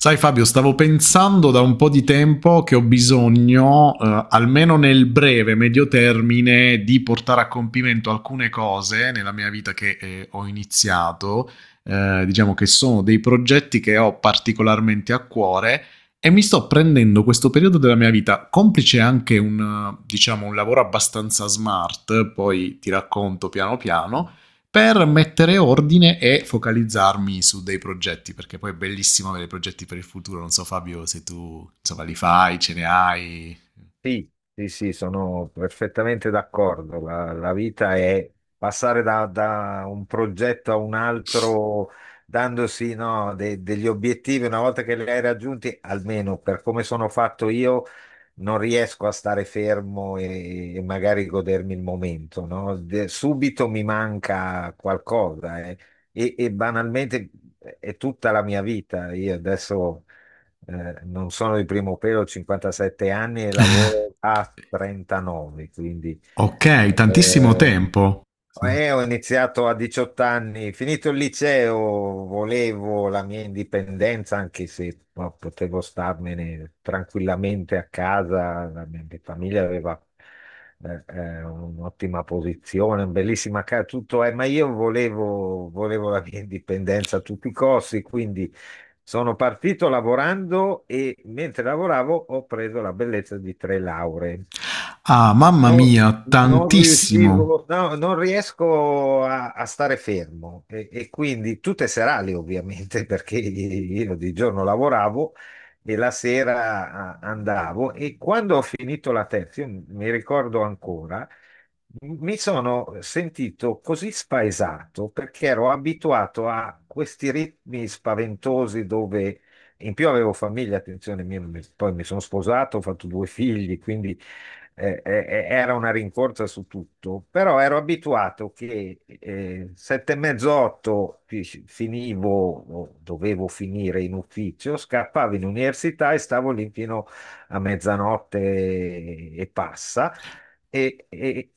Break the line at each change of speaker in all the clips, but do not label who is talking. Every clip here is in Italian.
Sai Fabio, stavo pensando da un po' di tempo che ho bisogno, almeno nel breve, medio termine, di portare a compimento alcune cose nella mia vita che ho iniziato. Diciamo che sono dei progetti che ho particolarmente a cuore e mi sto prendendo questo periodo della mia vita, complice anche un, diciamo, un lavoro abbastanza smart, poi ti racconto piano piano, per mettere ordine e focalizzarmi su dei progetti, perché poi è bellissimo avere progetti per il futuro. Non so, Fabio, se tu insomma, li fai, ce ne hai.
Sì, sì, sì, sono perfettamente d'accordo. La vita è passare da un progetto a un altro, dandosi, no, degli obiettivi. Una volta che li hai raggiunti, almeno per come sono fatto io, non riesco a stare fermo e magari godermi il momento, no? Subito mi manca qualcosa. Eh. E banalmente è tutta la mia vita. Io adesso non sono di primo pelo, ho 57 anni e lavoro a 39, quindi...
Ok, tantissimo
eh,
tempo. Sì.
ho iniziato a 18 anni, finito il liceo. Volevo la mia indipendenza, anche se no, potevo starmene tranquillamente a casa. La mia famiglia aveva un'ottima posizione, una bellissima casa, tutto. Eh, ma io volevo la mia indipendenza a tutti i costi, quindi sono partito lavorando e mentre lavoravo ho preso la bellezza di tre lauree.
Ah, mamma
Non,
mia,
non
tantissimo.
riuscivo, no, non riesco a stare fermo e quindi tutte serali ovviamente perché io di giorno lavoravo e la sera andavo, e quando ho finito la terza, io mi ricordo ancora, mi sono sentito così spaesato perché ero abituato a questi ritmi spaventosi dove in più avevo famiglia, attenzione, poi mi sono sposato, ho fatto due figli, quindi era una rincorsa su tutto. Però ero abituato che sette e mezzo, otto finivo, o dovevo finire in ufficio, scappavo in università e stavo lì fino a mezzanotte e passa, e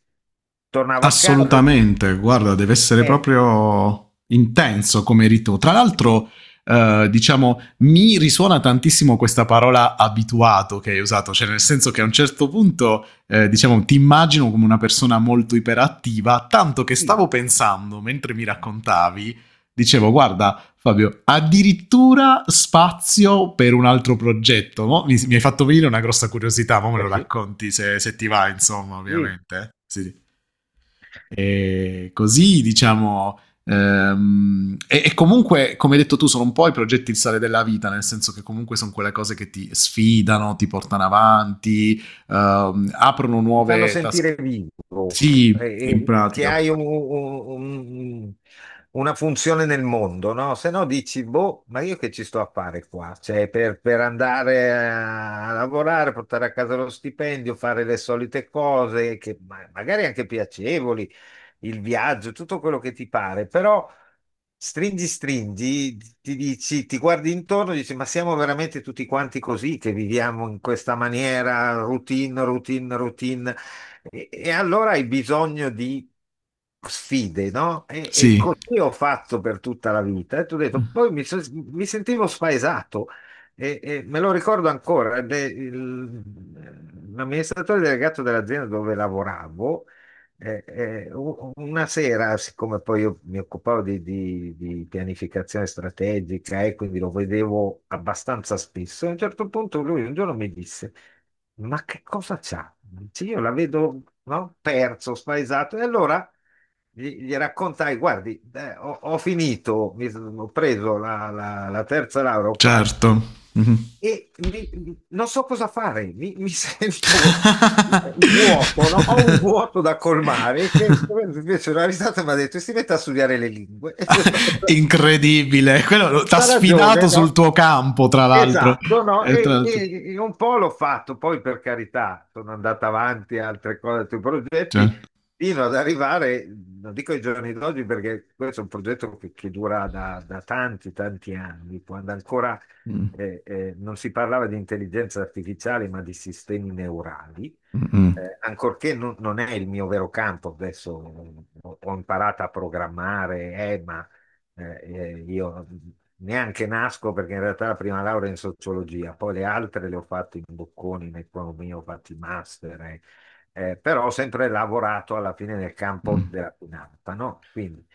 tornavo a casa.
Assolutamente, guarda, deve essere
E
proprio intenso come rito. Tra l'altro,
sì,
diciamo, mi risuona tantissimo questa parola abituato che hai usato, cioè nel senso che a un certo punto, diciamo, ti immagino come una persona molto iperattiva, tanto che
sì,
stavo pensando, mentre mi raccontavi, dicevo, guarda, Fabio, addirittura spazio per un altro progetto. Mi hai fatto venire una grossa curiosità, ma me lo
eh sì,
racconti se, se ti va, insomma,
sì,
ovviamente. Sì, sì. E così, diciamo, E comunque, come hai detto tu, sono un po' i progetti il sale della vita, nel senso che comunque sono quelle cose che ti sfidano, ti portano avanti, aprono
mi fanno
nuove task.
sentire vivo.
Sì, in
E che
pratica.
hai una funzione nel mondo, no? Se no dici, boh, ma io che ci sto a fare qua? Cioè, per andare a lavorare, portare a casa lo stipendio, fare le solite cose, che magari anche piacevoli, il viaggio, tutto quello che ti pare. Però stringi, stringi, ti dici, ti guardi intorno e dici, ma siamo veramente tutti quanti così che viviamo in questa maniera, routine, routine, routine. E allora hai bisogno di sfide, no? E
Sì,
così ho fatto per tutta la vita. E tu hai detto, poi mi, mi sentivo spaesato. E me lo ricordo ancora, ed è l'amministratore delegato dell'azienda dove lavoravo una sera, siccome poi io mi occupavo di, di pianificazione strategica e quindi lo vedevo abbastanza spesso, a un certo punto lui un giorno mi disse: ma che cosa c'ha? Dice, io la vedo, no, perso, spaesato. E allora gli raccontai: guardi, ho finito, ho preso la terza laurea, ho fatto,
certo. Mhm.
e non so cosa fare, mi sento vuoto, no? Ho un vuoto da colmare che... Invece, una risata, mi ha detto: si mette a studiare le lingue.
Incredibile, quello ti ha
Ha
sfidato
ragione,
sul
no?
tuo campo, tra l'altro.
Esatto, no?
E tra l'altro.
E un po' l'ho fatto, poi per carità sono andato avanti a altre cose, altri progetti,
Certo.
fino ad arrivare, non dico ai giorni d'oggi perché questo è un progetto che dura da, da tanti, tanti anni, quando ancora
Mm,
non si parlava di intelligenza artificiale ma di sistemi neurali.
mm, mm.
Ancorché non, non è il mio vero campo, adesso ho imparato a programmare, ma... io neanche nasco, perché in realtà la prima laurea è in sociologia, poi le altre le ho fatte in Bocconi, in economia, ho fatto i master, eh. Però ho sempre lavorato alla fine nel campo
Mm.
della finanza, no? Quindi,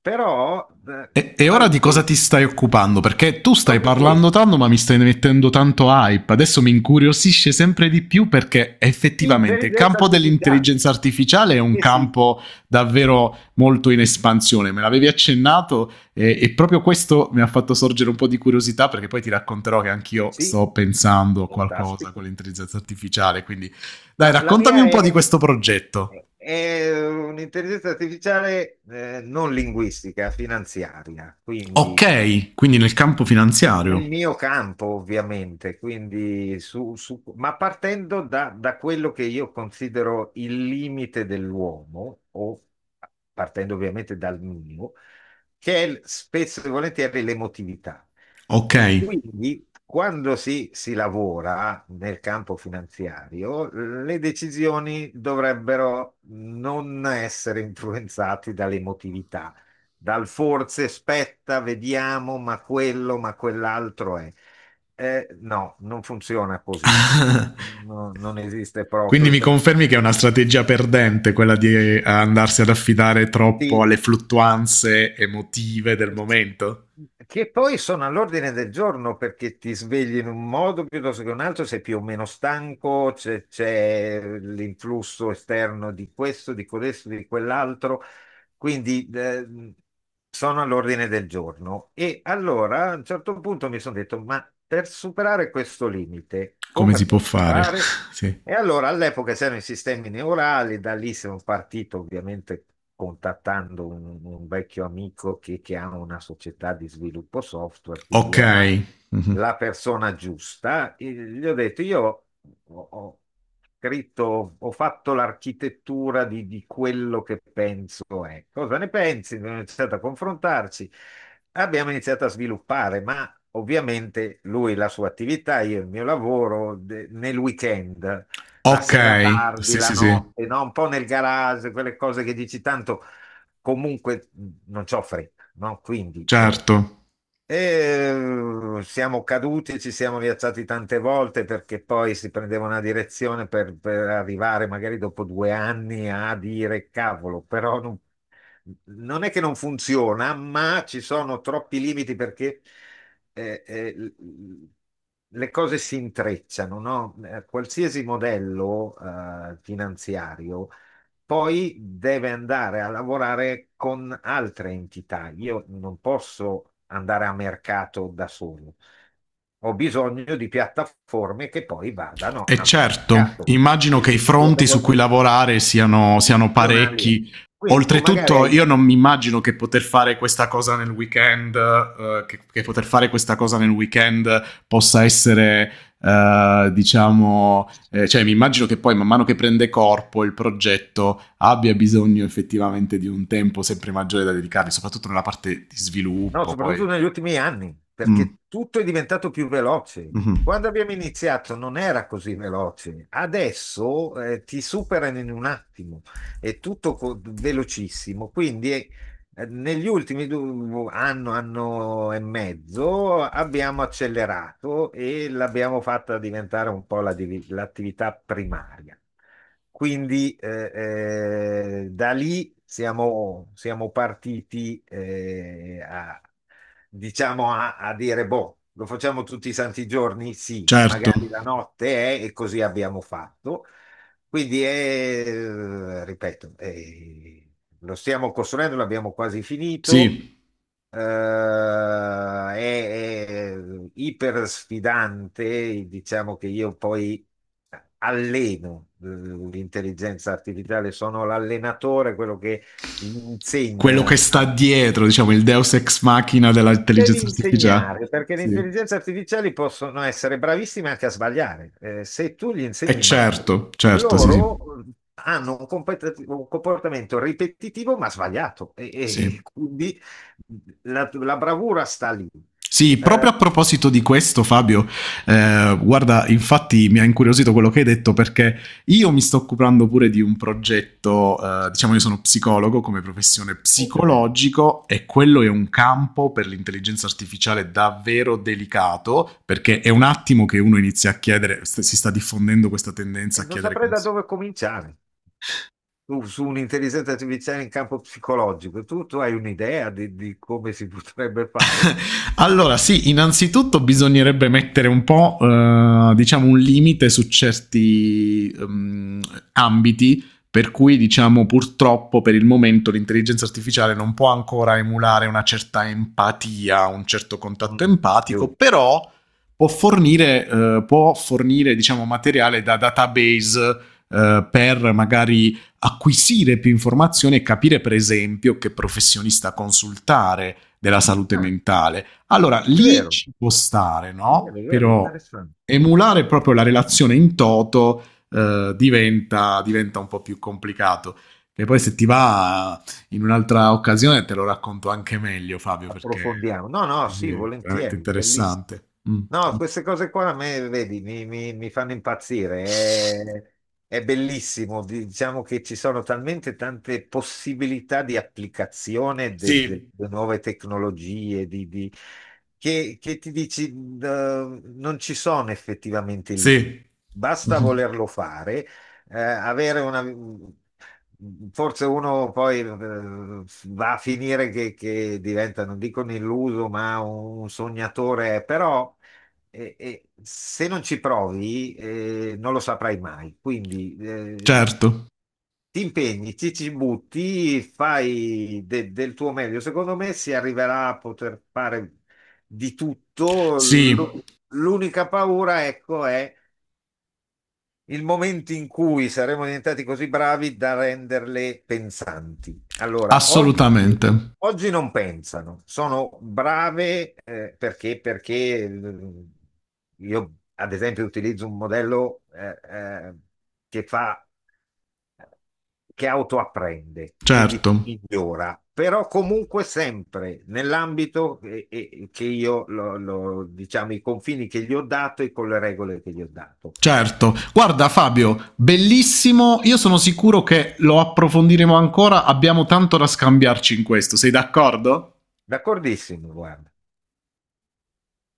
però,
E ora di cosa
qualche-
ti stai occupando? Perché tu stai
proprio
parlando
questo,
tanto, ma mi stai mettendo tanto hype. Adesso mi incuriosisce sempre di più perché effettivamente il
intelligenza
campo
artificiale,
dell'intelligenza artificiale è un
eh sì,
campo davvero molto in espansione. Me l'avevi accennato e proprio questo mi ha fatto sorgere un po' di curiosità perché poi ti racconterò che anch'io
sì,
sto pensando a qualcosa con
fantastico.
l'intelligenza artificiale. Quindi dai,
No, la
raccontami
mia
un po' di questo progetto.
è un'intelligenza artificiale non linguistica, finanziaria, quindi
Ok, quindi nel campo
nel
finanziario.
mio campo, ovviamente, quindi su, ma partendo da, da quello che io considero il limite dell'uomo, o partendo ovviamente dal mio, che è spesso e volentieri l'emotività.
Ok.
E quindi quando si lavora nel campo finanziario, le decisioni dovrebbero non essere influenzate dall'emotività, dal forse spetta, vediamo, ma quello, ma quell'altro è... Eh no, non funziona così, no, non esiste
Quindi
proprio.
mi confermi che è una strategia perdente quella di andarsi ad affidare troppo
Ti-
alle fluttuanze emotive del
eh,
momento?
Che poi sono all'ordine del giorno, perché ti svegli in un modo piuttosto che un altro, sei più o meno stanco, c'è l'influsso esterno di questo, di questo, di quell'altro. Quindi sono all'ordine del giorno. E allora a un certo punto mi sono detto, ma per superare questo limite,
Come
come
si può
posso
fare?
fare?
Sì.
E allora all'epoca c'erano i sistemi neurali, da lì sono partito, ovviamente contattando un vecchio amico che ha una società di sviluppo software, quindi
Ok.
era
Mhm.
la persona giusta. E gli ho detto, io ho scritto, ho fatto l'architettura di quello che penso è. Cosa ne pensi? Abbiamo iniziato a confrontarci, abbiamo iniziato a sviluppare, ma ovviamente lui, la sua attività, io il mio lavoro nel weekend, la sera
Ok.
tardi,
Sì,
la
sì, sì.
notte, no? Un po' nel garage, quelle cose che dici tanto, comunque non c'ho fretta, no? Quindi
Certo.
siamo caduti, ci siamo rialzati tante volte perché poi si prendeva una direzione per arrivare magari dopo due anni a dire cavolo, però non, non è che non funziona, ma ci sono troppi limiti perché eh, eh, l- l- le cose si intrecciano, no? Qualsiasi modello finanziario poi deve andare a lavorare con altre entità. Io non posso andare a mercato da solo. Ho bisogno di piattaforme che poi vadano
E
a
certo,
mercato.
immagino che
Le
i
le
fronti su cui
piattaforme
lavorare siano, siano
istituzionali.
parecchi.
Quindi tu magari
Oltretutto, io
hai...
non mi immagino che poter fare questa cosa nel weekend, che poter fare questa cosa nel weekend possa essere, cioè mi immagino che poi man mano che prende corpo il progetto abbia bisogno effettivamente di un tempo sempre maggiore da dedicargli, soprattutto nella parte di
No,
sviluppo, poi.
soprattutto negli ultimi anni,
Mm,
perché tutto è diventato più veloce.
mhm.
Quando abbiamo iniziato non era così veloce, adesso ti superano in un attimo, è tutto velocissimo, quindi è... Negli ultimi anno, anno e mezzo, abbiamo accelerato e l'abbiamo fatta diventare un po' la l'attività primaria. Quindi da lì siamo, siamo partiti a, diciamo a dire, boh, lo facciamo tutti i santi giorni? Sì,
Certo,
magari la notte è, e così abbiamo fatto. Quindi, ripeto, lo stiamo costruendo, l'abbiamo quasi finito.
sì,
Eh, è, è iper sfidante, diciamo che io poi alleno l'intelligenza artificiale, sono l'allenatore, quello che
quello che
insegna
sta
a...
dietro, diciamo, il deus ex machina
Devi
dell'intelligenza artificiale.
insegnare, perché le
Sì.
intelligenze artificiali possono essere bravissime anche a sbagliare. Se tu gli
E
insegni male,
certo, certo, sì,
loro
sì.
hanno un, un comportamento ripetitivo ma sbagliato, e
Sì.
quindi la bravura sta lì.
Sì,
Eh,
proprio a proposito di questo, Fabio, guarda, infatti mi ha incuriosito quello che hai detto perché io mi sto occupando pure di un progetto, diciamo io sono psicologo come professione
oh, che bello.
psicologico e quello è un campo per l'intelligenza artificiale davvero delicato perché è un attimo che uno inizia a chiedere, si sta diffondendo questa
E
tendenza a
non
chiedere
saprei da
consigli.
dove cominciare. Tu su un'intelligenza artificiale in campo psicologico, tu hai un'idea di come si potrebbe fare?
Allora, sì, innanzitutto bisognerebbe mettere un po', diciamo, un limite su certi ambiti. Per cui, diciamo, purtroppo per il momento l'intelligenza artificiale non può ancora emulare una certa empatia, un certo contatto
Mm,
empatico,
giusto.
però può fornire diciamo, materiale da database per magari acquisire più informazioni e capire per esempio che professionista consultare della salute
Ah,
mentale. Allora
è
lì
vero,
ci può stare,
è vero, è
no?
vero,
Però
interessante.
emulare proprio la relazione in toto diventa, diventa un po' più complicato. E poi se ti va in un'altra occasione te lo racconto anche meglio, Fabio, perché
Approfondiamo. No, no,
sì, sì,
sì,
è veramente
volentieri, bellissimo.
interessante. Mm.
No, queste cose qua a me, vedi, mi fanno impazzire. È bellissimo. Diciamo che ci sono talmente tante possibilità di applicazione
Sì,
delle nuove tecnologie, di- che ti dici, non ci sono effettivamente limiti.
sì.
Basta
Mhm.
volerlo fare, avere una... Forse uno poi va a finire che diventa, non dico un illuso, ma un sognatore, però se non ci provi non lo saprai mai. Quindi
Certo.
ti impegni, ci butti, fai del tuo meglio. Secondo me si arriverà a poter fare di tutto.
Sì.
L'unica paura, ecco, è il momento in cui saremo diventati così bravi da renderle pensanti. Allora,
Assolutamente.
oggi non pensano, sono brave perché eh, io, ad esempio, utilizzo un modello eh, che fa, che autoapprende, quindi
Certo.
migliora, però comunque sempre nell'ambito che io, diciamo, i confini che gli ho dato e con le regole che gli ho dato.
Certo, guarda Fabio, bellissimo, io sono sicuro che lo approfondiremo ancora, abbiamo tanto da scambiarci in questo, sei d'accordo?
D'accordissimo, guarda.